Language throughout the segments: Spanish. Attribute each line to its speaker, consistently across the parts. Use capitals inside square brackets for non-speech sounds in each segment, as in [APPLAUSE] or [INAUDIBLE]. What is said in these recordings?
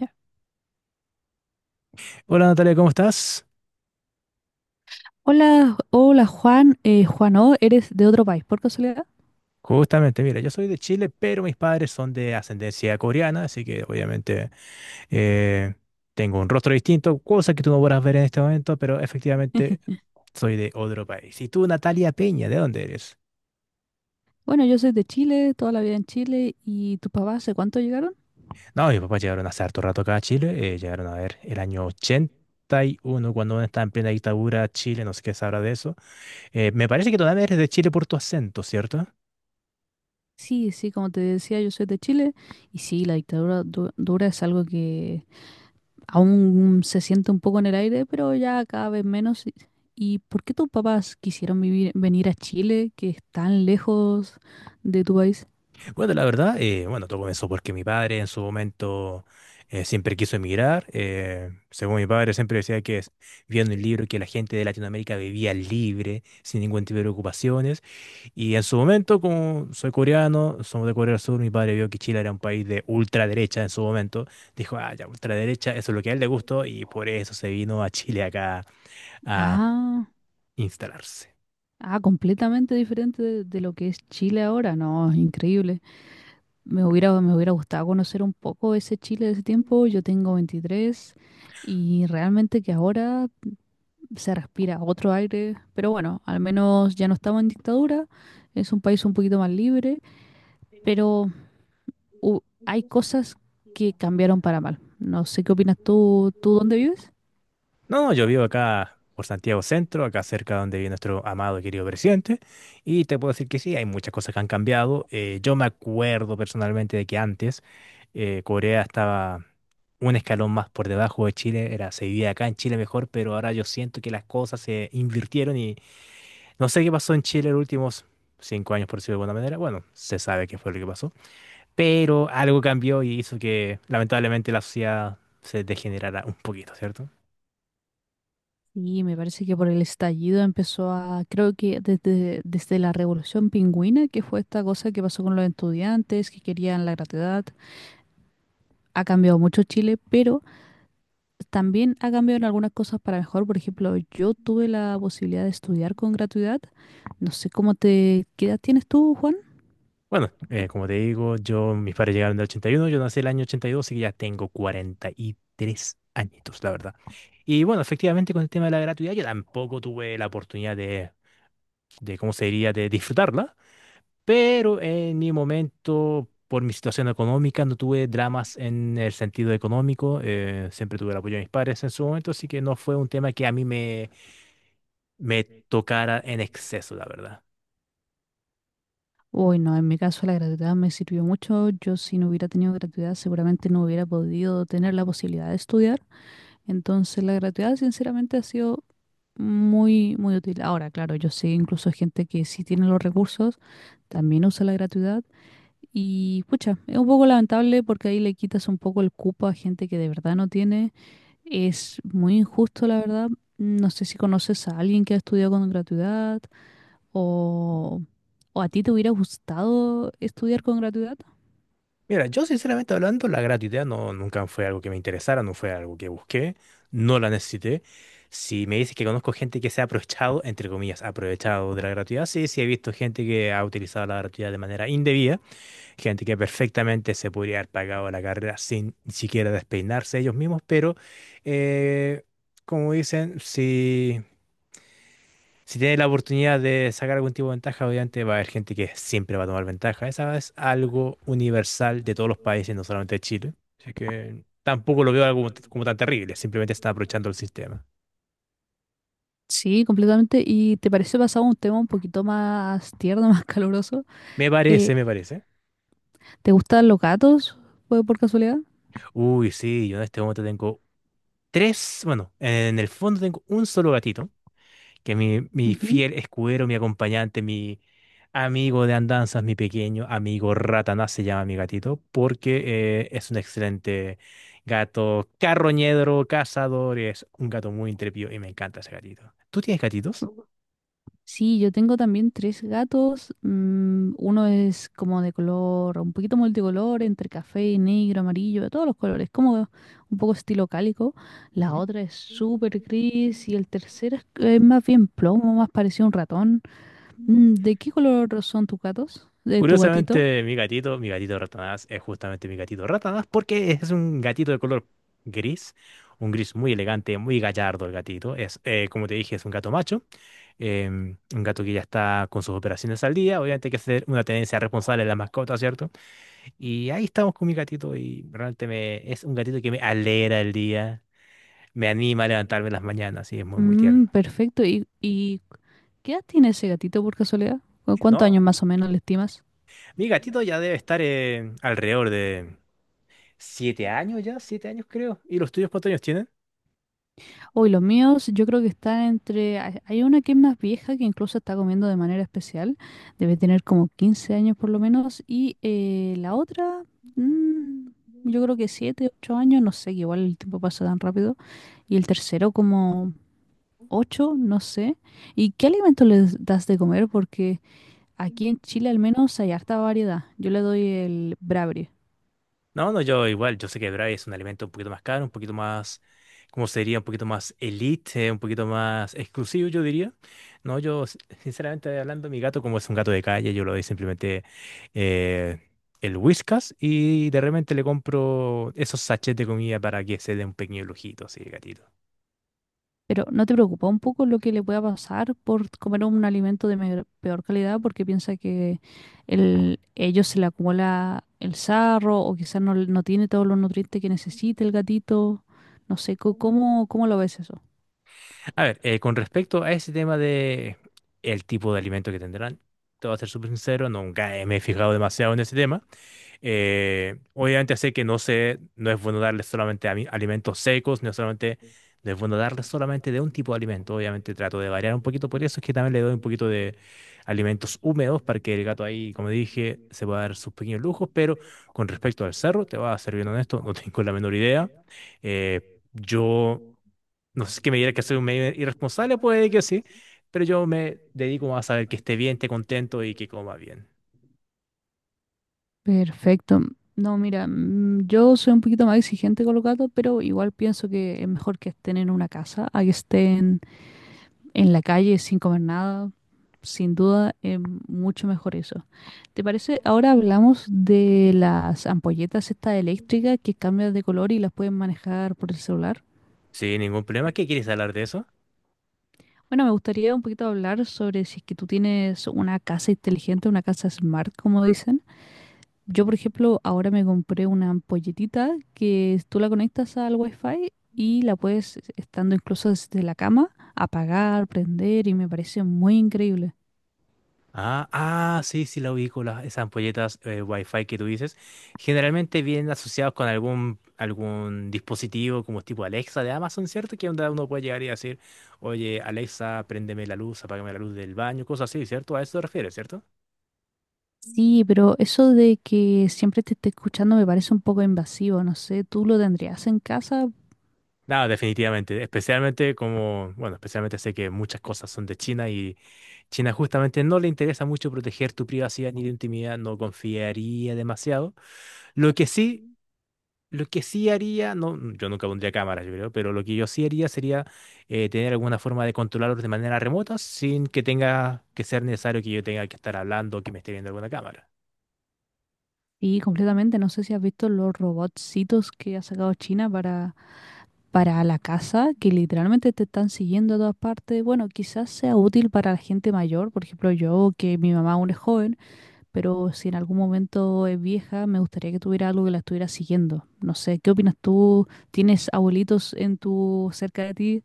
Speaker 1: Ya.
Speaker 2: Hola Natalia, ¿cómo estás?
Speaker 1: Hola, hola Juan, Juan O, ¿eres de otro país por casualidad?
Speaker 2: Justamente, mira, yo soy de Chile, pero mis padres son de ascendencia coreana, así que obviamente eh, tengo un rostro distinto, cosa que tú no podrás ver en este momento, pero efectivamente soy de otro país. ¿Y tú, Natalia Peña, de dónde eres?
Speaker 1: Bueno, yo soy de Chile, toda la vida en Chile, ¿y tus papás hace cuánto llegaron?
Speaker 2: No, mis papás llegaron hace harto rato acá a Chile, llegaron a ver el año 81, cuando uno está en plena dictadura, Chile, no sé qué sabrá de eso. Me parece que todavía eres de Chile por tu acento, ¿cierto?
Speaker 1: Sí, sí, como te decía, yo soy de Chile, y sí, la dictadura dura es algo que aún se siente un poco en el aire, pero ya cada vez menos. ¿Y por qué tus papás quisieron vivir, venir a Chile, que es tan lejos de tu país?
Speaker 2: Bueno, la verdad, bueno, todo comenzó porque mi padre en su momento siempre quiso emigrar. Según mi padre siempre decía que vio en el libro que la gente de Latinoamérica vivía libre, sin ningún tipo de ocupaciones. Y en su momento, como soy coreano, somos de Corea del Sur, mi padre vio que Chile era un país de ultraderecha en su momento. Dijo, ah, ya, ultraderecha, eso es lo que a él le gustó y por eso se vino a Chile acá a
Speaker 1: Ah,
Speaker 2: instalarse.
Speaker 1: ah, completamente diferente de lo que es Chile ahora, no, increíble. Me hubiera gustado conocer un poco ese Chile de ese tiempo. Yo tengo 23 y realmente que ahora se respira otro aire. Pero bueno, al menos ya no estamos en dictadura. Es un país un poquito más libre. Pero hay cosas que cambiaron para mal. No sé qué opinas tú, ¿tú dónde vives?
Speaker 2: No, yo vivo acá por Santiago Centro, acá cerca donde vive nuestro amado y querido presidente, y te puedo decir que sí, hay muchas cosas que han cambiado. Yo me acuerdo personalmente de que antes Corea estaba un escalón más por debajo de Chile, era, se vivía acá en Chile mejor, pero ahora yo siento que las cosas se invirtieron y no sé qué pasó en Chile los últimos 5 años, por decirlo de alguna manera. Bueno, se sabe qué fue lo que pasó, pero algo cambió y hizo que lamentablemente la sociedad se degenerara un poquito, ¿cierto?
Speaker 1: Y me parece que por el estallido empezó a, creo que desde la Revolución Pingüina, que fue esta cosa que pasó con los estudiantes que querían la gratuidad, ha cambiado mucho Chile, pero también ha cambiado en algunas cosas para mejor. Por ejemplo, yo tuve la posibilidad de estudiar con gratuidad. No sé cómo te... ¿Qué edad tienes tú, Juan?
Speaker 2: Bueno, como te digo, yo, mis padres llegaron en el 81, yo nací el año 82, así que ya tengo 43 añitos, la verdad. Y bueno, efectivamente con el tema de la gratuidad yo tampoco tuve la oportunidad de ¿cómo se diría?, de disfrutarla, pero en mi momento, por mi situación económica, no tuve dramas en el sentido económico, siempre tuve el apoyo de mis padres en su momento, así que no fue un tema que a mí me, me tocara en exceso, la verdad.
Speaker 1: Uy, no, en mi caso la gratuidad me sirvió mucho. Yo si no hubiera tenido gratuidad seguramente no hubiera podido tener la posibilidad de estudiar. Entonces la gratuidad sinceramente ha sido muy, muy útil. Ahora, claro, yo sé incluso gente que sí tiene los recursos, también usa la gratuidad. Y pucha, es un poco lamentable porque ahí le quitas un poco el cupo a gente que de verdad no tiene. Es muy injusto, la verdad. No sé si conoces a alguien que ha estudiado con gratuidad o, o a ti te hubiera gustado estudiar con gratuidad.
Speaker 2: Mira, yo sinceramente hablando, la gratuidad no, nunca fue algo que me interesara, no fue algo que busqué, no la necesité. Si me dices que conozco gente que se ha aprovechado, entre comillas, aprovechado de la gratuidad, sí, sí he visto gente que ha utilizado la gratuidad de manera indebida, gente que perfectamente se podría haber pagado la carrera sin ni siquiera despeinarse ellos mismos, pero eh, como dicen, si tienes la oportunidad de sacar algún tipo de ventaja, obviamente va a haber gente que siempre va a tomar ventaja. Esa es algo universal de todos los países, no solamente de Chile. Así que tampoco lo veo algo como, como tan terrible, simplemente están aprovechando el sistema.
Speaker 1: Sí, completamente. ¿Y te parece pasado un tema un poquito más tierno, [LAUGHS] más caluroso?
Speaker 2: Me
Speaker 1: Eh,
Speaker 2: parece, me parece.
Speaker 1: ¿Te gustan los gatos? ¿Fue por casualidad?
Speaker 2: Uy, sí, yo en este momento tengo tres, bueno, en el fondo tengo un solo gatito, que mi
Speaker 1: Ujú.
Speaker 2: fiel escudero, mi acompañante, mi amigo de andanzas, mi pequeño amigo Ratanás se llama mi gatito, porque es un excelente gato carroñedro, cazador, es un gato muy intrépido y me encanta ese gatito. ¿Tú tienes gatitos?
Speaker 1: Sí, yo tengo también tres gatos. Uno es como de color, un poquito multicolor, entre café, negro, amarillo, de todos los colores, como un poco estilo cálico. La
Speaker 2: Ujú.
Speaker 1: otra es súper gris y el tercero es más bien plomo, más parecido a un ratón. Mm, ¿de qué color son tus gatos? ¿De tu gatito?
Speaker 2: Curiosamente, mi gatito Ratanás, es justamente mi gatito Ratanás porque es un gatito de color gris, un gris muy elegante, muy gallardo el gatito. Es, como te dije, es un gato macho, un gato que ya está con sus operaciones al día. Obviamente hay que hacer una tenencia responsable de la mascota, ¿cierto? Y ahí estamos con mi gatito y realmente me, es un gatito que me alegra el día, me anima a levantarme en las mañanas y es muy, muy tierno.
Speaker 1: Mm, perfecto. Y qué edad tiene ese gatito por casualidad? Cuántos
Speaker 2: No,
Speaker 1: años más o menos le estimas?
Speaker 2: mi gatito ya debe estar alrededor de... 7 años ya, 7 años creo. ¿Y los tuyos cuántos años tienen?
Speaker 1: Uy, los míos yo creo que están entre... Hay una que es más vieja que incluso está comiendo de manera especial. Debe tener como 15 años por lo menos. Y la otra, mm, yo creo que 7, 8 años, no sé, que igual el tiempo pasa tan rápido. Y el tercero como 8, no sé. ¿Y qué alimento les das de comer? Porque aquí en Chile al menos hay harta variedad. Yo le doy el
Speaker 2: No, no, yo igual, yo sé que Braille es un alimento un poquito más caro, un poquito más, ¿cómo sería? Un poquito más elite, un poquito más exclusivo, yo diría. No, yo, sinceramente hablando, mi gato, como es un gato de calle, yo lo doy simplemente eh, el Whiskas y de repente le compro esos sachets de comida para que se dé un pequeño lujito, así, el gatito.
Speaker 1: Pero ¿no te preocupa un poco lo que le pueda pasar por comer un alimento de peor calidad? Porque piensa que ellos se le acumula el sarro o quizás no tiene todos los nutrientes que necesita el gatito. No sé, ¿cómo lo ves eso?
Speaker 2: A ver, con respecto a ese tema de el tipo de alimento que tendrán, te voy a ser súper sincero, nunca me he fijado demasiado en ese tema. Obviamente sé que no sé, no es bueno darles solamente alimentos secos, no es solamente, no es bueno darles solamente de un tipo de alimento. Obviamente trato de variar un poquito, por eso es que también le doy un poquito de alimentos húmedos para que el gato ahí, como dije, se pueda dar sus pequeños lujos. Pero con respecto al cerro, te voy a ser bien honesto, no [LAUGHS] tengo la menor idea. Eh, yo no sé qué me dirá que soy un medio irresponsable, puede que sí, pero yo me dedico más a saber que esté bien, esté contento y que coma bien.
Speaker 1: Perfecto. No, mira, yo soy un poquito más exigente con los gatos, pero igual pienso que es mejor que estén en una casa a que estén en la calle sin comer nada, sin duda es mucho mejor eso. ¿Te parece? Ahora hablamos de las ampolletas estas eléctricas que cambian de color y las pueden manejar por el celular.
Speaker 2: Sí, ningún problema. ¿Qué quieres hablar de eso?
Speaker 1: Bueno, me gustaría un poquito hablar sobre si es que tú tienes una casa inteligente, una casa smart, como dicen. Yo, por ejemplo, ahora me compré una ampolletita que tú la conectas al Wi-Fi y la puedes, estando incluso desde la cama, apagar, prender y me parece muy increíble.
Speaker 2: Ah, ah, sí, sí, la ubico, las, esas ampolletas Wi-Fi que tú dices. Generalmente vienen asociados con algún, algún dispositivo como tipo Alexa de Amazon, ¿cierto? Que onda uno puede llegar y decir, oye, Alexa, préndeme la luz, apágame la luz del baño, cosas así, ¿cierto? A eso te refieres, ¿cierto?
Speaker 1: Sí, pero eso de que siempre te esté escuchando me parece un poco invasivo, no sé, ¿tú lo tendrías en casa?
Speaker 2: No, definitivamente. Especialmente como, bueno, especialmente sé que muchas cosas son de China y China justamente no le interesa mucho proteger tu privacidad ni tu intimidad, no confiaría demasiado. Lo que sí, lo que sí haría, no, yo nunca pondría cámaras, yo creo, pero lo que yo sí haría sería tener alguna forma de controlarlos de manera remota sin que tenga que ser necesario que yo tenga que estar hablando o que me esté viendo alguna cámara.
Speaker 1: Sí, completamente, no sé si has visto los robotcitos que ha sacado China para la casa, que literalmente te están siguiendo a todas partes. Bueno, quizás sea útil para la gente mayor, por ejemplo yo, que mi mamá aún es joven, pero si en algún momento es vieja, me gustaría que tuviera algo que la estuviera siguiendo. No sé, ¿qué opinas tú? ¿Tienes abuelitos en tu cerca de ti?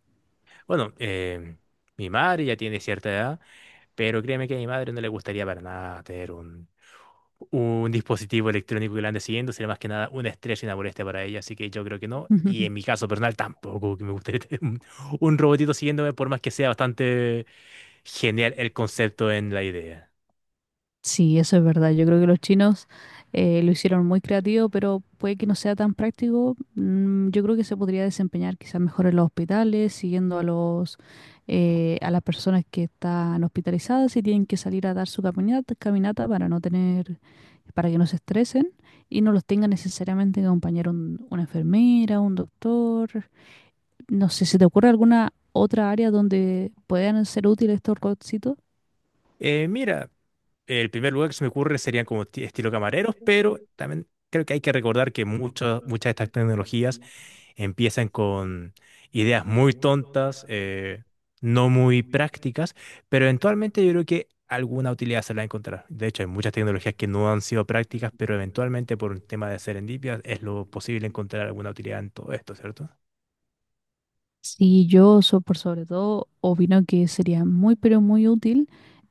Speaker 2: Bueno, mi madre ya tiene cierta edad. Pero créeme que a mi madre no le gustaría para nada tener un dispositivo electrónico que la ande siguiendo, sería más que nada una estrés y una molestia para ella, así que yo creo que no. Y en mi
Speaker 1: [LAUGHS]
Speaker 2: caso personal tampoco que me gustaría [LAUGHS] tener un robotito siguiéndome, por más que sea bastante genial el concepto en la idea.
Speaker 1: Sí, eso es verdad. Yo creo que los chinos lo hicieron muy creativo, pero puede que no sea tan práctico. Yo creo que se podría desempeñar quizás mejor en los hospitales, siguiendo a los a las personas que están hospitalizadas y tienen que salir a dar su caminata, caminata para no tener, para que no se estresen y no los tenga necesariamente que acompañar una enfermera, un doctor. No sé, ¿se te ocurre alguna otra área donde puedan ser útiles estos robotcitos?
Speaker 2: Mira, el primer lugar que se me ocurre serían como estilo camareros, pero también creo que hay que recordar que muchas de estas tecnologías empiezan con ideas muy tontas, no muy prácticas, pero eventualmente yo creo que alguna utilidad se la va a encontrar. De hecho, hay muchas tecnologías que no han sido prácticas, pero eventualmente por un tema de serendipia es lo posible encontrar alguna utilidad en todo esto, ¿cierto?
Speaker 1: Sí, yo por sobre todo opino que sería muy pero muy útil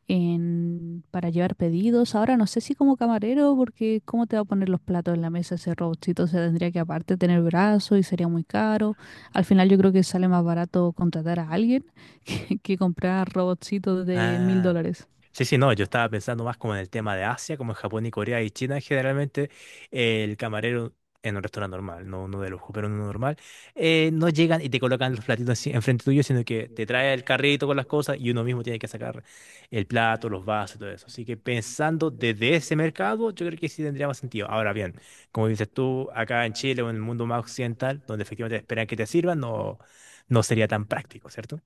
Speaker 1: para llevar pedidos. Ahora no sé si como camarero, porque cómo te va a poner los platos en la mesa ese robotcito, se tendría que aparte tener brazo y sería muy caro. Al final yo creo que sale más barato contratar a alguien [LAUGHS] que comprar robotcitos de mil
Speaker 2: Ah,
Speaker 1: dólares.
Speaker 2: Sí, sí, no, yo estaba pensando más como en el tema de Asia, como en Japón y Corea y China, generalmente el camarero en un restaurante normal, no uno de lujo, pero en uno normal, no llegan y te colocan los platitos así enfrente tuyo, sino que te trae el carrito con las cosas y uno mismo tiene que sacar el plato, los vasos y todo eso. Así que pensando desde ese mercado, yo creo que sí tendría más sentido. Ahora bien, como dices tú, acá en Chile o en el mundo más occidental, donde efectivamente esperan que te sirvan, no, no sería tan práctico, ¿cierto?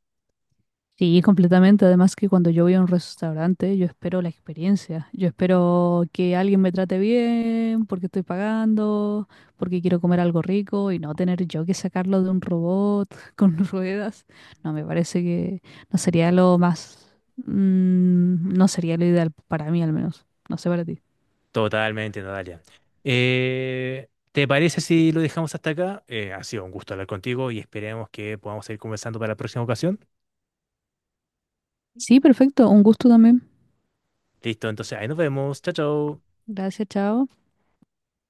Speaker 1: Sí, completamente. Además que cuando yo voy a un restaurante, yo espero la experiencia. Yo espero que alguien me trate bien, porque estoy pagando, porque quiero comer algo rico y no tener yo que sacarlo de un robot [LAUGHS] con ruedas. No, me parece que no sería lo más, no sería lo ideal para mí al menos. No sé para ti.
Speaker 2: Totalmente, Natalia. ¿Te parece si lo dejamos hasta acá? Ha sido un gusto hablar contigo y esperemos que podamos seguir conversando para la próxima ocasión.
Speaker 1: Sí, perfecto. Un gusto también.
Speaker 2: Listo, entonces ahí nos vemos. Chao, chao.
Speaker 1: Gracias, chao.